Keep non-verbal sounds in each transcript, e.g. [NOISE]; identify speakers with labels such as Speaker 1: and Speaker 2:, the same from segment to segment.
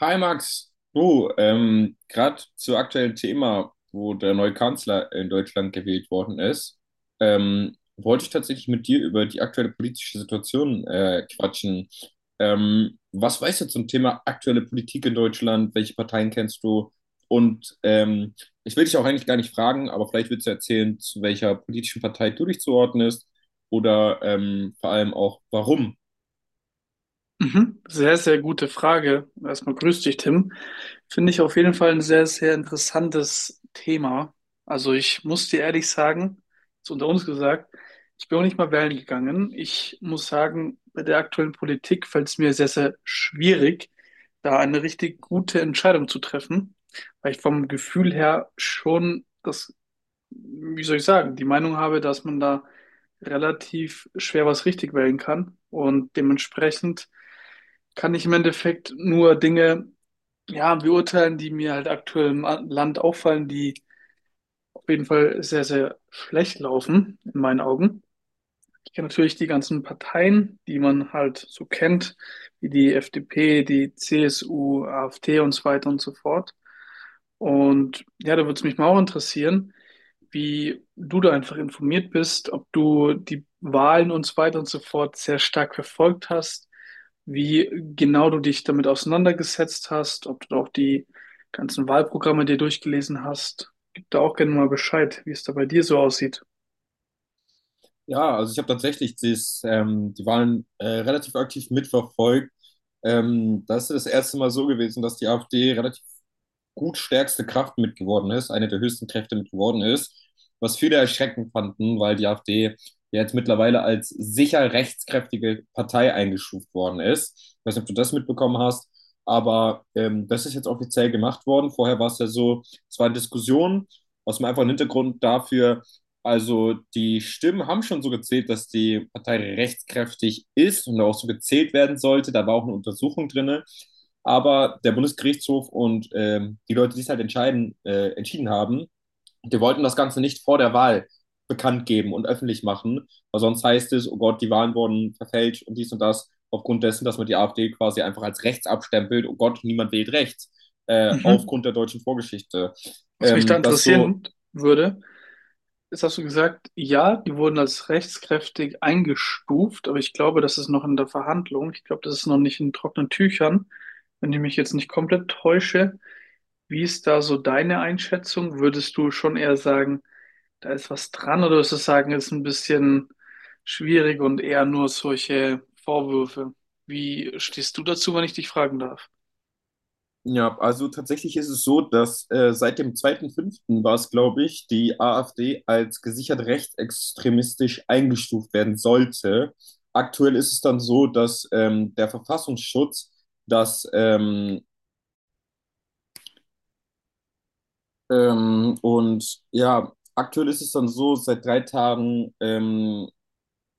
Speaker 1: Hi Max, du, gerade zu aktuellen Thema, wo der neue Kanzler in Deutschland gewählt worden ist, wollte ich tatsächlich mit dir über die aktuelle politische Situation quatschen. Was weißt du zum Thema aktuelle Politik in Deutschland? Welche Parteien kennst du? Und ich will dich auch eigentlich gar nicht fragen, aber vielleicht willst du erzählen, zu welcher politischen Partei du dich zuordnest oder vor allem auch warum.
Speaker 2: Mhm. Sehr, sehr gute Frage. Erstmal grüß dich, Tim. Finde ich auf jeden Fall ein sehr, sehr interessantes Thema. Also ich muss dir ehrlich sagen, ist unter uns gesagt, ich bin auch nicht mal wählen gegangen. Ich muss sagen, bei der aktuellen Politik fällt es mir sehr, sehr schwierig, da eine richtig gute Entscheidung zu treffen, weil ich vom Gefühl her schon das, wie soll ich sagen, die Meinung habe, dass man da relativ schwer was richtig wählen kann und dementsprechend kann ich im Endeffekt nur Dinge, ja, beurteilen, die mir halt aktuell im Land auffallen, die auf jeden Fall sehr, sehr schlecht laufen, in meinen Augen. Ich kenne natürlich die ganzen Parteien, die man halt so kennt, wie die FDP, die CSU, AfD und so weiter und so fort. Und ja, da würde es mich mal auch interessieren, wie du da einfach informiert bist, ob du die Wahlen und so weiter und so fort sehr stark verfolgt hast, wie genau du dich damit auseinandergesetzt hast, ob du auch die ganzen Wahlprogramme dir durchgelesen hast. Gib da auch gerne mal Bescheid, wie es da bei dir so aussieht.
Speaker 1: Ja, also ich habe tatsächlich das, die Wahlen relativ aktiv mitverfolgt. Das ist das erste Mal so gewesen, dass die AfD relativ gut stärkste Kraft mit geworden ist, eine der höchsten Kräfte mit geworden ist, was viele erschreckend fanden, weil die AfD ja jetzt mittlerweile als sicher rechtskräftige Partei eingestuft worden ist. Ich weiß nicht, ob du das mitbekommen hast, aber das ist jetzt offiziell gemacht worden. Vorher war es ja so, es waren Diskussionen aus dem einfachen Hintergrund dafür, also die Stimmen haben schon so gezählt, dass die Partei rechtskräftig ist und auch so gezählt werden sollte. Da war auch eine Untersuchung drinne. Aber der Bundesgerichtshof und die Leute, die es halt entscheiden, entschieden haben, die wollten das Ganze nicht vor der Wahl bekannt geben und öffentlich machen, weil sonst heißt es, oh Gott, die Wahlen wurden verfälscht und dies und das, aufgrund dessen, dass man die AfD quasi einfach als rechts abstempelt, oh Gott, niemand wählt rechts,
Speaker 2: Mhm.
Speaker 1: aufgrund der deutschen Vorgeschichte.
Speaker 2: Was mich da
Speaker 1: Das so
Speaker 2: interessieren würde, ist, hast du gesagt, ja, die wurden als rechtskräftig eingestuft, aber ich glaube, das ist noch in der Verhandlung. Ich glaube, das ist noch nicht in trockenen Tüchern, wenn ich mich jetzt nicht komplett täusche. Wie ist da so deine Einschätzung? Würdest du schon eher sagen, da ist was dran, oder würdest du sagen, ist ein bisschen schwierig und eher nur solche Vorwürfe? Wie stehst du dazu, wenn ich dich fragen darf?
Speaker 1: Ja, also tatsächlich ist es so, dass seit dem zweiten fünften war es, glaube ich, die AfD als gesichert rechtsextremistisch eingestuft werden sollte. Aktuell ist es dann so, dass der Verfassungsschutz das und ja, aktuell ist es dann so, seit drei Tagen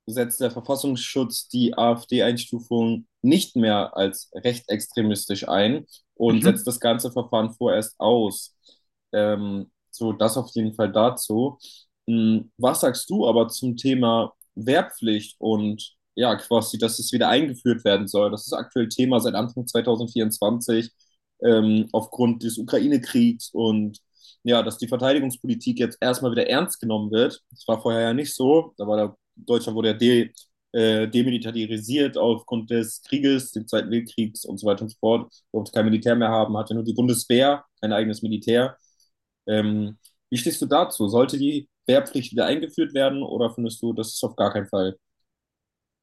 Speaker 1: setzt der Verfassungsschutz die AfD-Einstufung nicht mehr als rechtsextremistisch ein und setzt
Speaker 2: Mhm.
Speaker 1: das ganze Verfahren vorerst aus. So, das auf jeden Fall dazu. Hm, was sagst du aber zum Thema Wehrpflicht und ja, quasi, dass es wieder eingeführt werden soll? Das ist aktuell Thema seit Anfang 2024 aufgrund des Ukraine-Kriegs und ja, dass die Verteidigungspolitik jetzt erstmal wieder ernst genommen wird. Das war vorher ja nicht so, da war der Deutschland wurde ja demilitarisiert aufgrund des Krieges, des Zweiten Weltkriegs und so weiter und so fort. Durfte kein Militär mehr haben, hatte nur die Bundeswehr, kein eigenes Militär. Ähm, Wie stehst du dazu? Sollte die Wehrpflicht wieder eingeführt werden oder findest du, das ist auf gar keinen Fall?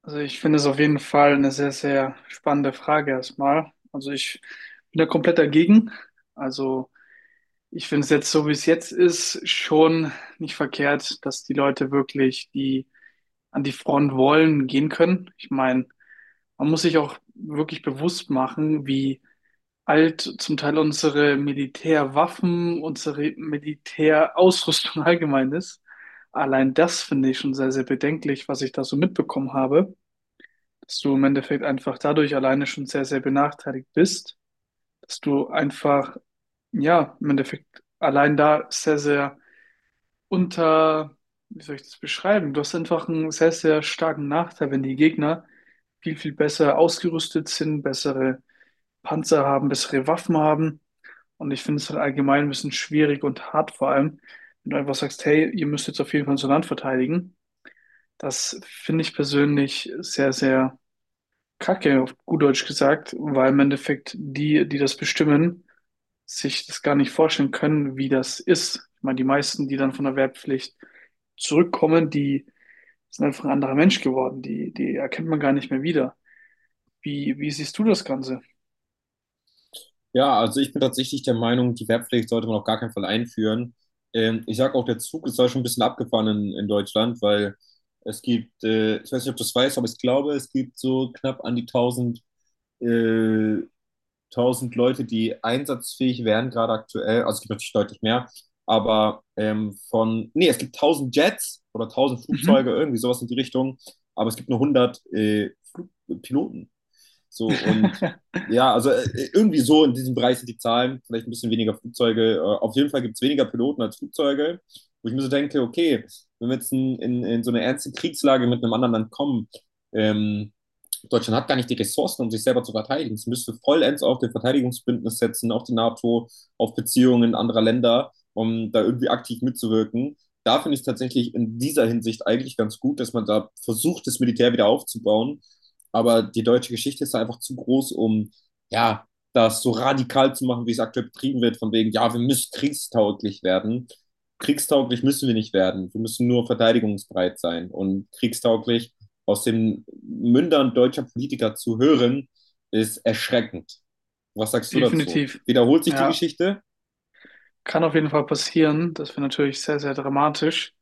Speaker 2: Also ich finde es auf jeden Fall eine sehr, sehr spannende Frage erstmal. Also ich bin da komplett dagegen. Also ich finde es jetzt so, wie es jetzt ist, schon nicht verkehrt, dass die Leute wirklich, die an die Front wollen, gehen können. Ich meine, man muss sich auch wirklich bewusst machen, wie alt zum Teil unsere Militärwaffen, unsere Militärausrüstung [LAUGHS] allgemein ist. Allein das finde ich schon sehr, sehr bedenklich, was ich da so mitbekommen habe, dass du im Endeffekt einfach dadurch alleine schon sehr, sehr benachteiligt bist, dass du einfach, ja, im Endeffekt allein da sehr, sehr unter, wie soll ich das beschreiben? Du hast einfach einen sehr, sehr starken Nachteil, wenn die Gegner viel, viel besser ausgerüstet sind, bessere Panzer haben, bessere Waffen haben. Und ich finde es halt allgemein ein bisschen schwierig und hart, vor allem, wenn du einfach sagst, hey, ihr müsst jetzt auf jeden Fall unser Land verteidigen. Das finde ich persönlich sehr, sehr Kacke, auf gut Deutsch gesagt, weil im Endeffekt die, die das bestimmen, sich das gar nicht vorstellen können, wie das ist. Ich meine, die meisten, die dann von der Wehrpflicht zurückkommen, die sind einfach ein anderer Mensch geworden. Die erkennt man gar nicht mehr wieder. Wie siehst du das Ganze?
Speaker 1: Ja, also ich bin tatsächlich der Meinung, die Wehrpflicht sollte man auf gar keinen Fall einführen. Ich sage auch, der Zug ist da schon ein bisschen abgefahren in Deutschland, weil es gibt, ich weiß nicht, ob du es weißt, aber ich glaube, es gibt so knapp an die tausend. äh, 1000 Leute, die einsatzfähig wären, gerade aktuell. Also es gibt natürlich deutlich mehr. Aber von, nee, es gibt 1000 Jets oder 1000 Flugzeuge,
Speaker 2: Mhm.
Speaker 1: irgendwie sowas in die Richtung. Aber es gibt nur 100 Flug Piloten. So und
Speaker 2: [LAUGHS]
Speaker 1: ja, also irgendwie so in diesem Bereich sind die Zahlen. Vielleicht ein bisschen weniger Flugzeuge. Auf jeden Fall gibt es weniger Piloten als Flugzeuge. Wo ich mir so denke, okay, wenn wir jetzt in so eine ernste Kriegslage mit einem anderen Land kommen, ähm, Deutschland hat gar nicht die Ressourcen, um sich selber zu verteidigen. Es müsste vollends auf den Verteidigungsbündnis setzen, auf die NATO, auf Beziehungen anderer Länder, um da irgendwie aktiv mitzuwirken. Da finde ich es tatsächlich in dieser Hinsicht eigentlich ganz gut, dass man da versucht, das Militär wieder aufzubauen. Aber die deutsche Geschichte ist da einfach zu groß, um ja, das so radikal zu machen, wie es aktuell betrieben wird, von wegen, ja, wir müssen kriegstauglich werden. Kriegstauglich müssen wir nicht werden. Wir müssen nur verteidigungsbereit sein. Und kriegstauglich aus den Mündern deutscher Politiker zu hören, ist erschreckend. Was sagst du dazu?
Speaker 2: Definitiv.
Speaker 1: Wiederholt sich die
Speaker 2: Ja.
Speaker 1: Geschichte?
Speaker 2: Kann auf jeden Fall passieren. Das wäre natürlich sehr, sehr dramatisch.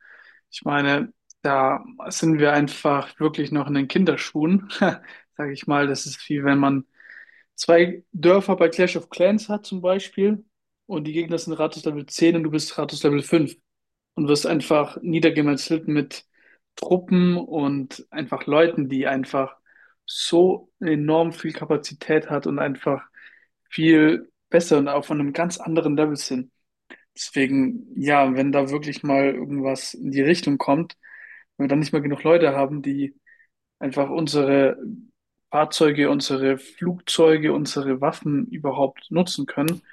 Speaker 2: Ich meine, da sind wir einfach wirklich noch in den Kinderschuhen, [LAUGHS] sage ich mal. Das ist, wie wenn man zwei Dörfer bei Clash of Clans hat zum Beispiel und die Gegner sind Rathaus Level 10 und du bist Rathaus Level 5 und wirst einfach niedergemetzelt mit Truppen und einfach Leuten, die einfach so enorm viel Kapazität hat und einfach viel besser und auch von einem ganz anderen Level sind. Deswegen, ja, wenn da wirklich mal irgendwas in die Richtung kommt, wenn wir dann nicht mehr genug Leute haben, die einfach unsere Fahrzeuge, unsere Flugzeuge, unsere Waffen überhaupt nutzen können,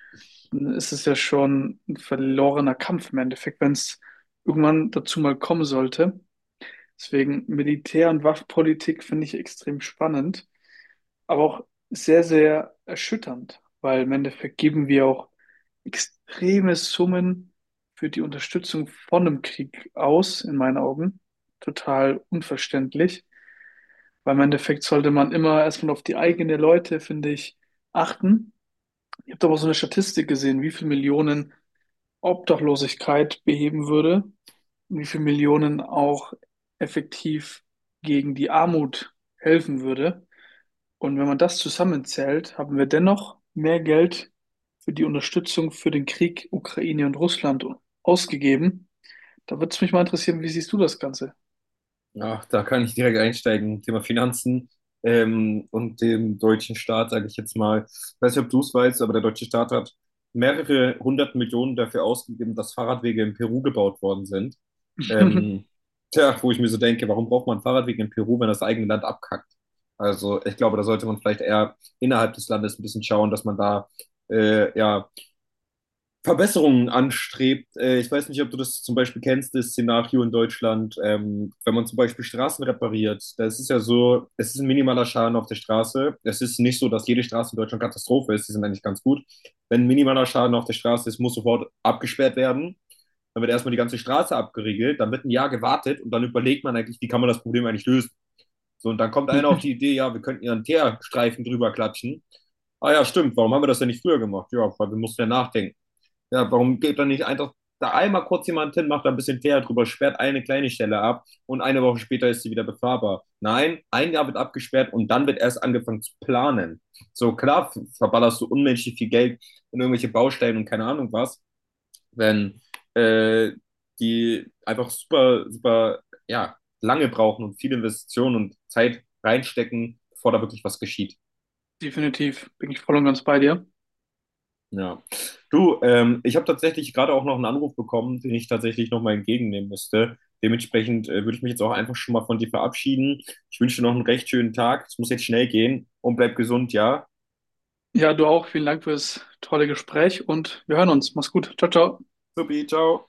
Speaker 2: dann ist es ja schon ein verlorener Kampf im Endeffekt, wenn es irgendwann dazu mal kommen sollte. Deswegen Militär- und Waffenpolitik finde ich extrem spannend, aber auch sehr, sehr erschütternd, weil im Endeffekt geben wir auch extreme Summen für die Unterstützung von einem Krieg aus, in meinen Augen. Total unverständlich, weil im Endeffekt sollte man immer erstmal auf die eigenen Leute, finde ich, achten. Ich habe da mal so eine Statistik gesehen, wie viele Millionen Obdachlosigkeit beheben würde und wie viele Millionen auch effektiv gegen die Armut helfen würde. Und wenn man das zusammenzählt, haben wir dennoch mehr Geld für die Unterstützung für den Krieg Ukraine und Russland ausgegeben. Da würde es mich mal interessieren, wie siehst du das Ganze?
Speaker 1: Ach, da kann ich direkt einsteigen. Thema Finanzen und dem deutschen Staat, sage ich jetzt mal. Ich weiß nicht, ob du es weißt, aber der deutsche Staat hat mehrere hundert Millionen dafür ausgegeben, dass Fahrradwege in Peru gebaut worden sind. Ähm,
Speaker 2: [LAUGHS]
Speaker 1: Tja, wo ich mir so denke, warum braucht man Fahrradwege in Peru, wenn das eigene Land abkackt? Also ich glaube, da sollte man vielleicht eher innerhalb des Landes ein bisschen schauen, dass man da ja Verbesserungen anstrebt. Ich weiß nicht, ob du das zum Beispiel kennst, das Szenario in Deutschland, wenn man zum Beispiel Straßen repariert. Das ist ja so, es ist ein minimaler Schaden auf der Straße. Es ist nicht so, dass jede Straße in Deutschland Katastrophe ist. Die sind eigentlich ganz gut. Wenn ein minimaler Schaden auf der Straße ist, muss sofort abgesperrt werden. Dann wird erstmal die ganze Straße abgeriegelt, dann wird ein Jahr gewartet und dann überlegt man eigentlich, wie kann man das Problem eigentlich lösen. So, und dann kommt einer auf die Idee, ja, wir könnten ja einen Teerstreifen drüber klatschen. Ah ja, stimmt, warum haben wir das denn nicht früher gemacht? Ja, weil wir mussten ja nachdenken. Ja, warum geht dann nicht einfach da einmal kurz jemand hin, macht da ein bisschen Fehler drüber, sperrt eine kleine Stelle ab und eine Woche später ist sie wieder befahrbar. Nein, ein Jahr wird abgesperrt und dann wird erst angefangen zu planen. So klar verballerst du unmenschlich viel Geld in irgendwelche Baustellen und keine Ahnung was, wenn äh, die einfach super, super, ja, lange brauchen und viele Investitionen und Zeit reinstecken, bevor da wirklich was geschieht.
Speaker 2: Definitiv, bin ich voll und ganz bei dir.
Speaker 1: Ja. Du, ich habe tatsächlich gerade auch noch einen Anruf bekommen, den ich tatsächlich nochmal entgegennehmen müsste. Dementsprechend würde ich mich jetzt auch einfach schon mal von dir verabschieden. Ich wünsche dir noch einen recht schönen Tag. Es muss jetzt schnell gehen und bleib gesund, ja?
Speaker 2: Ja, du auch. Vielen Dank für das tolle Gespräch und wir hören uns. Mach's gut. Ciao, ciao.
Speaker 1: Supi, ciao.